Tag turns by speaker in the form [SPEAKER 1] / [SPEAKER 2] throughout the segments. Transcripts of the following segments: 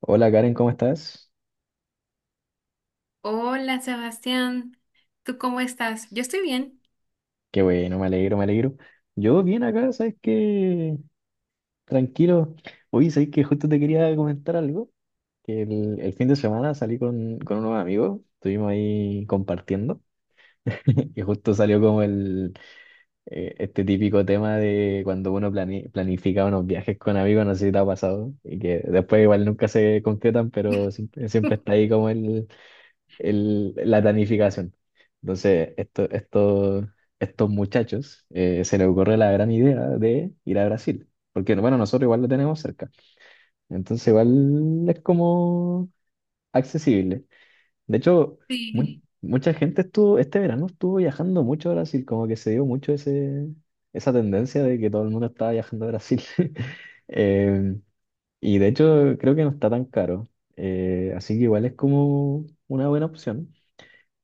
[SPEAKER 1] Hola Karen, ¿cómo estás?
[SPEAKER 2] Hola Sebastián, ¿tú cómo estás? Yo estoy bien.
[SPEAKER 1] Qué bueno, me alegro, me alegro. Yo bien acá, ¿sabes qué? Tranquilo. Oye, ¿sabes que Justo te quería comentar algo, que el fin de semana salí con unos amigos, estuvimos ahí compartiendo. Y justo salió como el típico tema de cuando uno planifica unos viajes con amigos, no sé si te ha pasado, y que después igual nunca se concretan, pero siempre, siempre está ahí como la planificación. Entonces, estos muchachos se les ocurre la gran idea de ir a Brasil, porque bueno, nosotros igual lo tenemos cerca, entonces igual es como accesible. De hecho, mu-
[SPEAKER 2] Sí.
[SPEAKER 1] mucha gente estuvo, este verano estuvo viajando mucho a Brasil, como que se dio mucho esa tendencia de que todo el mundo estaba viajando a Brasil. Em, y de hecho, creo que no está tan caro. Así que igual es como una buena opción.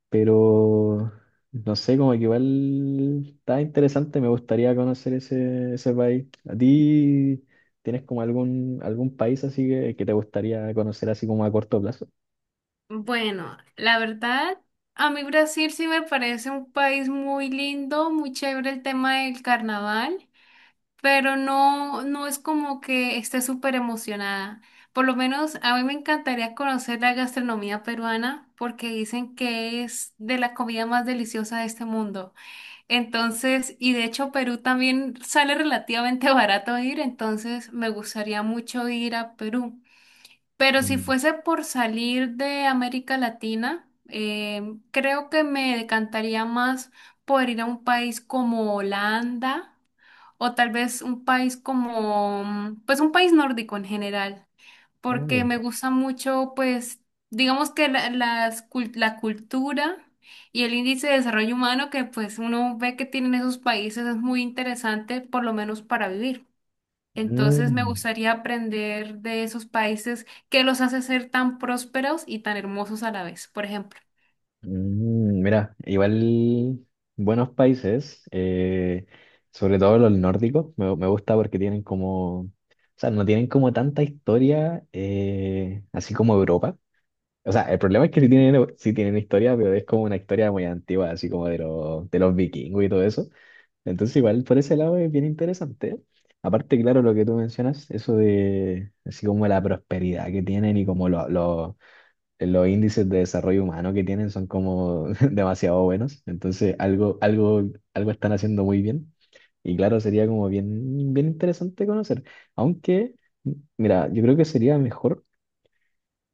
[SPEAKER 1] Pero no sé, como que igual está interesante, me gustaría conocer ese país. ¿A ti tienes como algún país así que te gustaría conocer así como a corto plazo?
[SPEAKER 2] Bueno, la verdad, a mí Brasil sí me parece un país muy lindo, muy chévere el tema del carnaval, pero no, no es como que esté súper emocionada. Por lo menos a mí me encantaría conocer la gastronomía peruana porque dicen que es de la comida más deliciosa de este mundo. Entonces, y de hecho Perú también sale relativamente barato ir, entonces me gustaría mucho ir a Perú. Pero si
[SPEAKER 1] Mm.
[SPEAKER 2] fuese por salir de América Latina, creo que me decantaría más por ir a un país como Holanda o tal vez un país como, pues un país nórdico en general
[SPEAKER 1] Ah,
[SPEAKER 2] porque
[SPEAKER 1] ya.
[SPEAKER 2] me gusta mucho, pues, digamos que la cultura y el índice de desarrollo humano que pues uno ve que tienen esos países es muy interesante, por lo menos para vivir. Entonces me
[SPEAKER 1] Mm,
[SPEAKER 2] gustaría aprender de esos países que los hace ser tan prósperos y tan hermosos a la vez, por ejemplo.
[SPEAKER 1] mm, mira, igual buenos países, sobre todo los nórdicos, me gusta porque tienen como, o sea, no tienen como tanta historia, así como Europa. O sea, el problema es que sí tienen historia, pero es como una historia muy antigua, así como de de los vikingos y todo eso. Entonces, igual por ese lado es bien interesante. Aparte, claro, lo que tú mencionas, eso de así como la prosperidad que tienen y como los índices de desarrollo humano que tienen son como demasiado buenos. Entonces, algo están haciendo muy bien. Y claro, sería como bien, bien interesante conocer. Aunque, mira, yo creo que sería mejor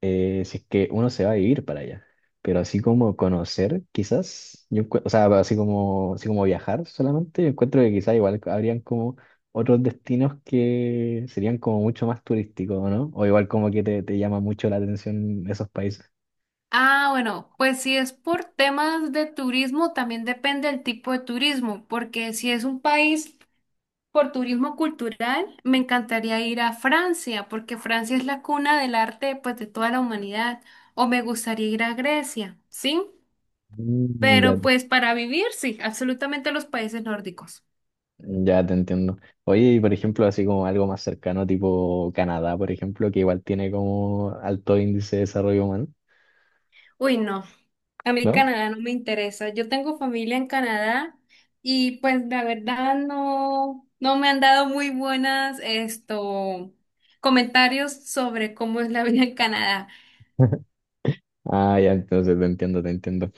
[SPEAKER 1] si es que uno se va a vivir para allá. Pero así como conocer, quizás, yo, o sea, así como viajar solamente, yo encuentro que quizás igual habrían como otros destinos que serían como mucho más turísticos, ¿no? O igual como que te llama mucho la atención esos países.
[SPEAKER 2] Ah, bueno, pues si es por temas de turismo, también depende del tipo de turismo, porque si es un país. Por turismo cultural, me encantaría ir a Francia, porque Francia es la cuna del arte, pues, de toda la humanidad. O me gustaría ir a Grecia, ¿sí?
[SPEAKER 1] Mm. Ya,
[SPEAKER 2] Pero pues para vivir, sí, absolutamente los países nórdicos.
[SPEAKER 1] ya te entiendo. Oye, y por ejemplo, así como algo más cercano, tipo Canadá, por ejemplo, que igual tiene como alto índice de desarrollo humano,
[SPEAKER 2] Uy, no, a mí
[SPEAKER 1] ¿no?
[SPEAKER 2] Canadá no me interesa. Yo tengo familia en Canadá y pues la verdad no, no me han dado muy buenas esto, comentarios sobre cómo es la vida en Canadá.
[SPEAKER 1] Ah, ya, entonces te entiendo, te entiendo.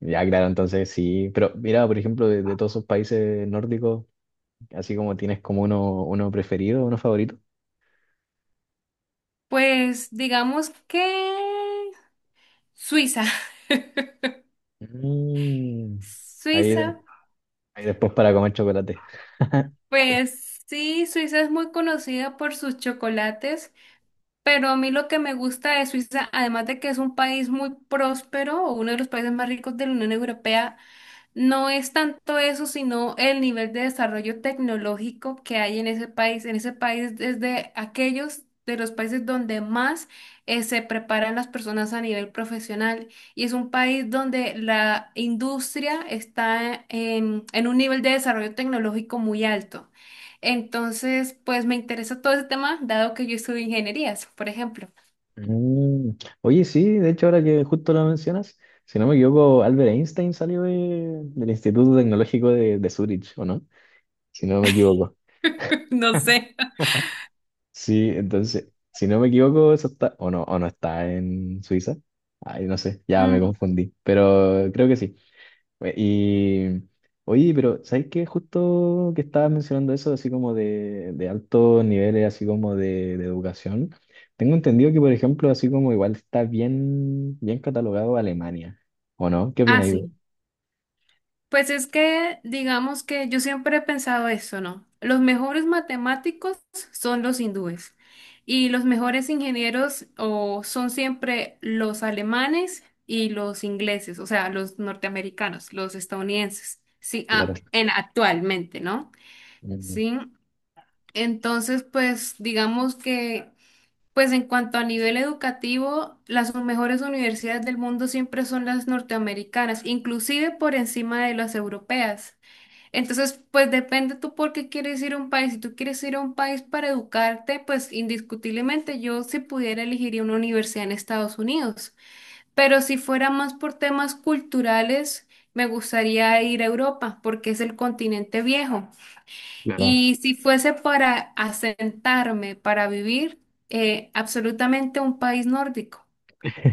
[SPEAKER 1] Ya, claro, entonces sí, pero mira, por ejemplo, de todos esos países nórdicos, así como tienes como uno preferido, uno favorito.
[SPEAKER 2] Pues digamos que Suiza.
[SPEAKER 1] Mm. Ahí,
[SPEAKER 2] Suiza,
[SPEAKER 1] ahí después para comer chocolate.
[SPEAKER 2] pues sí, Suiza es muy conocida por sus chocolates, pero a mí lo que me gusta de Suiza, además de que es un país muy próspero, o uno de los países más ricos de la Unión Europea, no es tanto eso, sino el nivel de desarrollo tecnológico que hay en ese país. En ese país es de aquellos de los países donde más se preparan las personas a nivel profesional y es un país donde la industria está en un nivel de desarrollo tecnológico muy alto. Entonces, pues me interesa todo ese tema, dado que yo estudio ingenierías, por ejemplo.
[SPEAKER 1] Mm. Oye, sí, de hecho, ahora que justo lo mencionas, si no me equivoco, Albert Einstein salió del Instituto Tecnológico de Zurich, ¿o no? Si no me equivoco.
[SPEAKER 2] No sé.
[SPEAKER 1] Sí, entonces, si no me equivoco, eso está, o no está en Suiza. Ay, no sé, ya me
[SPEAKER 2] Mm,
[SPEAKER 1] confundí, pero creo que sí. Y oye, pero ¿sabes qué? Justo que estabas mencionando eso, así como de altos niveles, así como de educación, tengo entendido que, por ejemplo, así como igual está bien, bien catalogado Alemania, ¿o no? ¿Qué
[SPEAKER 2] ah,
[SPEAKER 1] opináis?
[SPEAKER 2] sí. Pues es que, digamos que yo siempre he pensado eso, ¿no? Los mejores matemáticos son los hindúes y los mejores ingenieros o son siempre los alemanes y los ingleses, o sea, los norteamericanos, los estadounidenses, sí,
[SPEAKER 1] Claro.
[SPEAKER 2] ah, en actualmente, ¿no?
[SPEAKER 1] Mm.
[SPEAKER 2] Sí, entonces, pues digamos que, pues en cuanto a nivel educativo, las mejores universidades del mundo siempre son las norteamericanas, inclusive por encima de las europeas. Entonces, pues depende tú por qué quieres ir a un país. Si tú quieres ir a un país para educarte, pues indiscutiblemente yo si pudiera elegiría una universidad en Estados Unidos. Pero si fuera más por temas culturales, me gustaría ir a Europa porque es el continente viejo.
[SPEAKER 1] Claro. No.
[SPEAKER 2] Y si fuese para asentarme, para vivir, absolutamente un país nórdico.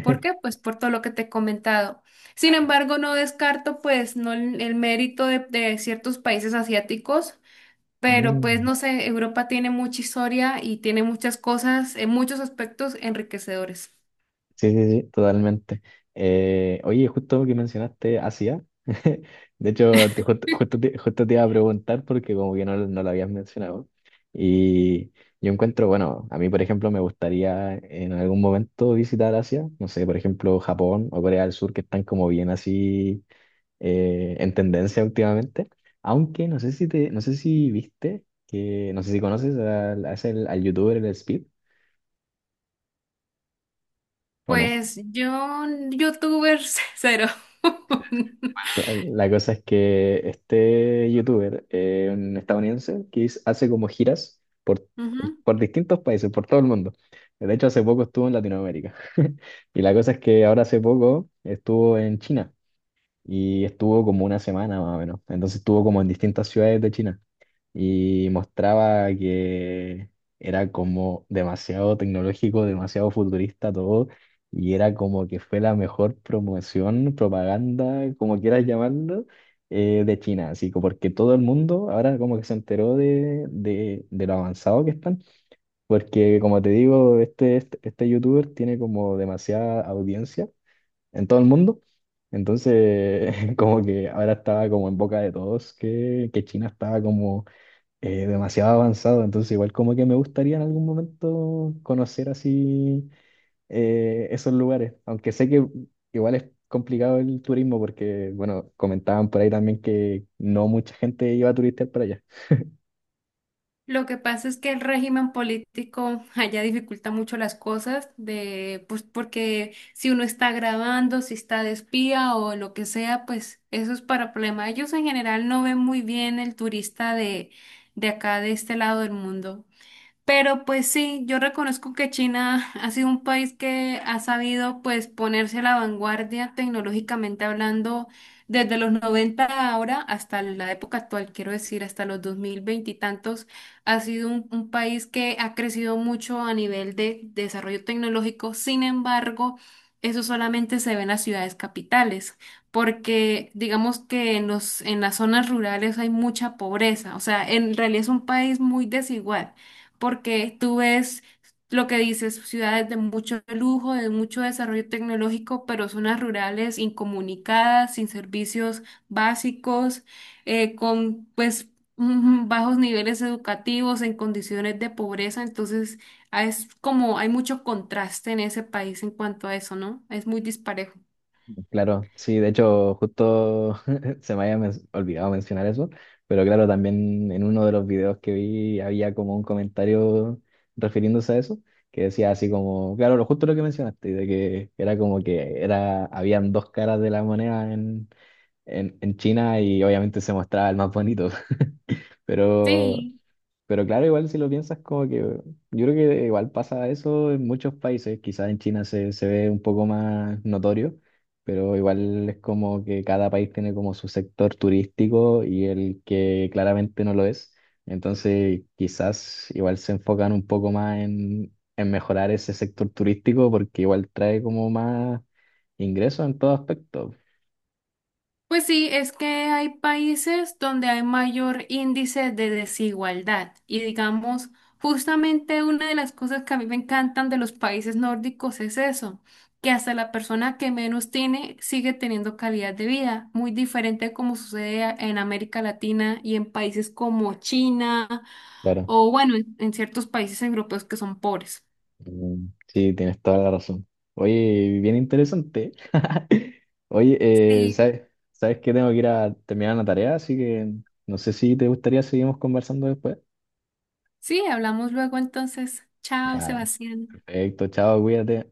[SPEAKER 2] ¿Por qué? Pues por todo lo que te he comentado. Sin
[SPEAKER 1] Claro.
[SPEAKER 2] embargo, no descarto pues no el mérito de ciertos países asiáticos, pero pues
[SPEAKER 1] Mm.
[SPEAKER 2] no sé, Europa tiene mucha historia y tiene muchas cosas, en muchos aspectos enriquecedores.
[SPEAKER 1] Sí, sí, sí, totalmente. Oye, justo que mencionaste Asia, de hecho, justo, justo te iba a preguntar porque como que no, no lo habías mencionado. Y yo encuentro, bueno, a mí, por ejemplo, me gustaría en algún momento visitar Asia, no sé, por ejemplo, Japón o Corea del Sur, que están como bien así en tendencia últimamente. Aunque no sé si te, no sé si viste, que no sé si conoces a ese- al youtuber, el Speed, ¿o no?
[SPEAKER 2] Pues yo, youtubers cero.
[SPEAKER 1] La cosa es que este youtuber, un estadounidense, hace como giras
[SPEAKER 2] Ujú.
[SPEAKER 1] por distintos países, por todo el mundo. De hecho, hace poco estuvo en Latinoamérica. Y la cosa es que ahora hace poco estuvo en China y estuvo como una semana más o menos. Entonces estuvo como en distintas ciudades de China y mostraba que era como demasiado tecnológico, demasiado futurista todo, y era como que fue la mejor promoción, propaganda, como quieras llamarlo, de China, así como porque todo el mundo ahora como que se enteró de lo avanzado que están, porque como te digo, este youtuber tiene como demasiada audiencia en todo el mundo. Entonces, como que ahora estaba como en boca de todos que China estaba como demasiado avanzado, entonces igual como que me gustaría en algún momento conocer así esos lugares, aunque sé que igual es complicado el turismo porque, bueno, comentaban por ahí también que no mucha gente iba a turistear para allá.
[SPEAKER 2] Lo que pasa es que el régimen político allá dificulta mucho las cosas de, pues, porque si uno está grabando, si está de espía o lo que sea, pues eso es para problema. Ellos en general no ven muy bien el turista de acá, de este lado del mundo. Pero pues sí, yo reconozco que China ha sido un país que ha sabido pues ponerse a la vanguardia tecnológicamente hablando desde los 90 ahora hasta la época actual, quiero decir, hasta los 2020 y tantos, ha sido un país que ha crecido mucho a nivel de desarrollo tecnológico. Sin embargo, eso solamente se ve en las ciudades capitales, porque digamos que en en las zonas rurales hay mucha pobreza, o sea, en realidad es un país muy desigual porque tú ves lo que dices, ciudades de mucho lujo, de mucho desarrollo tecnológico, pero zonas rurales incomunicadas, sin servicios básicos, con pues bajos niveles educativos, en condiciones de pobreza. Entonces, ah, es como hay mucho contraste en ese país en cuanto a eso, ¿no? Es muy disparejo.
[SPEAKER 1] Claro, sí, de hecho, justo, se me había olvidado mencionar eso, pero claro, también en uno de los videos que vi había como un comentario refiriéndose a eso, que decía así como, claro, lo justo lo que mencionaste, de que era como que era, habían dos caras de la moneda en China y obviamente se mostraba el más bonito, pero
[SPEAKER 2] Sí.
[SPEAKER 1] pero claro, igual si lo piensas, como que yo creo que igual pasa eso en muchos países, quizás en China se ve un poco más notorio, pero igual es como que cada país tiene como su sector turístico y el que claramente no lo es. Entonces, quizás igual se enfocan un poco más en mejorar ese sector turístico porque igual trae como más ingresos en todo aspecto.
[SPEAKER 2] Pues sí, es que hay países donde hay mayor índice de desigualdad y digamos, justamente una de las cosas que a mí me encantan de los países nórdicos es eso, que hasta la persona que menos tiene sigue teniendo calidad de vida, muy diferente como sucede a- en América Latina y en países como China
[SPEAKER 1] Claro.
[SPEAKER 2] o bueno, en ciertos países europeos que son pobres.
[SPEAKER 1] Mm. Sí, tienes toda la razón. Oye, bien interesante. Oye,
[SPEAKER 2] Sí,
[SPEAKER 1] ¿sabes, sabes que tengo que ir a terminar una tarea? Así que no sé si te gustaría seguimos conversando después.
[SPEAKER 2] sí, hablamos luego entonces. Chao,
[SPEAKER 1] Ya,
[SPEAKER 2] Sebastián.
[SPEAKER 1] perfecto, chao, cuídate.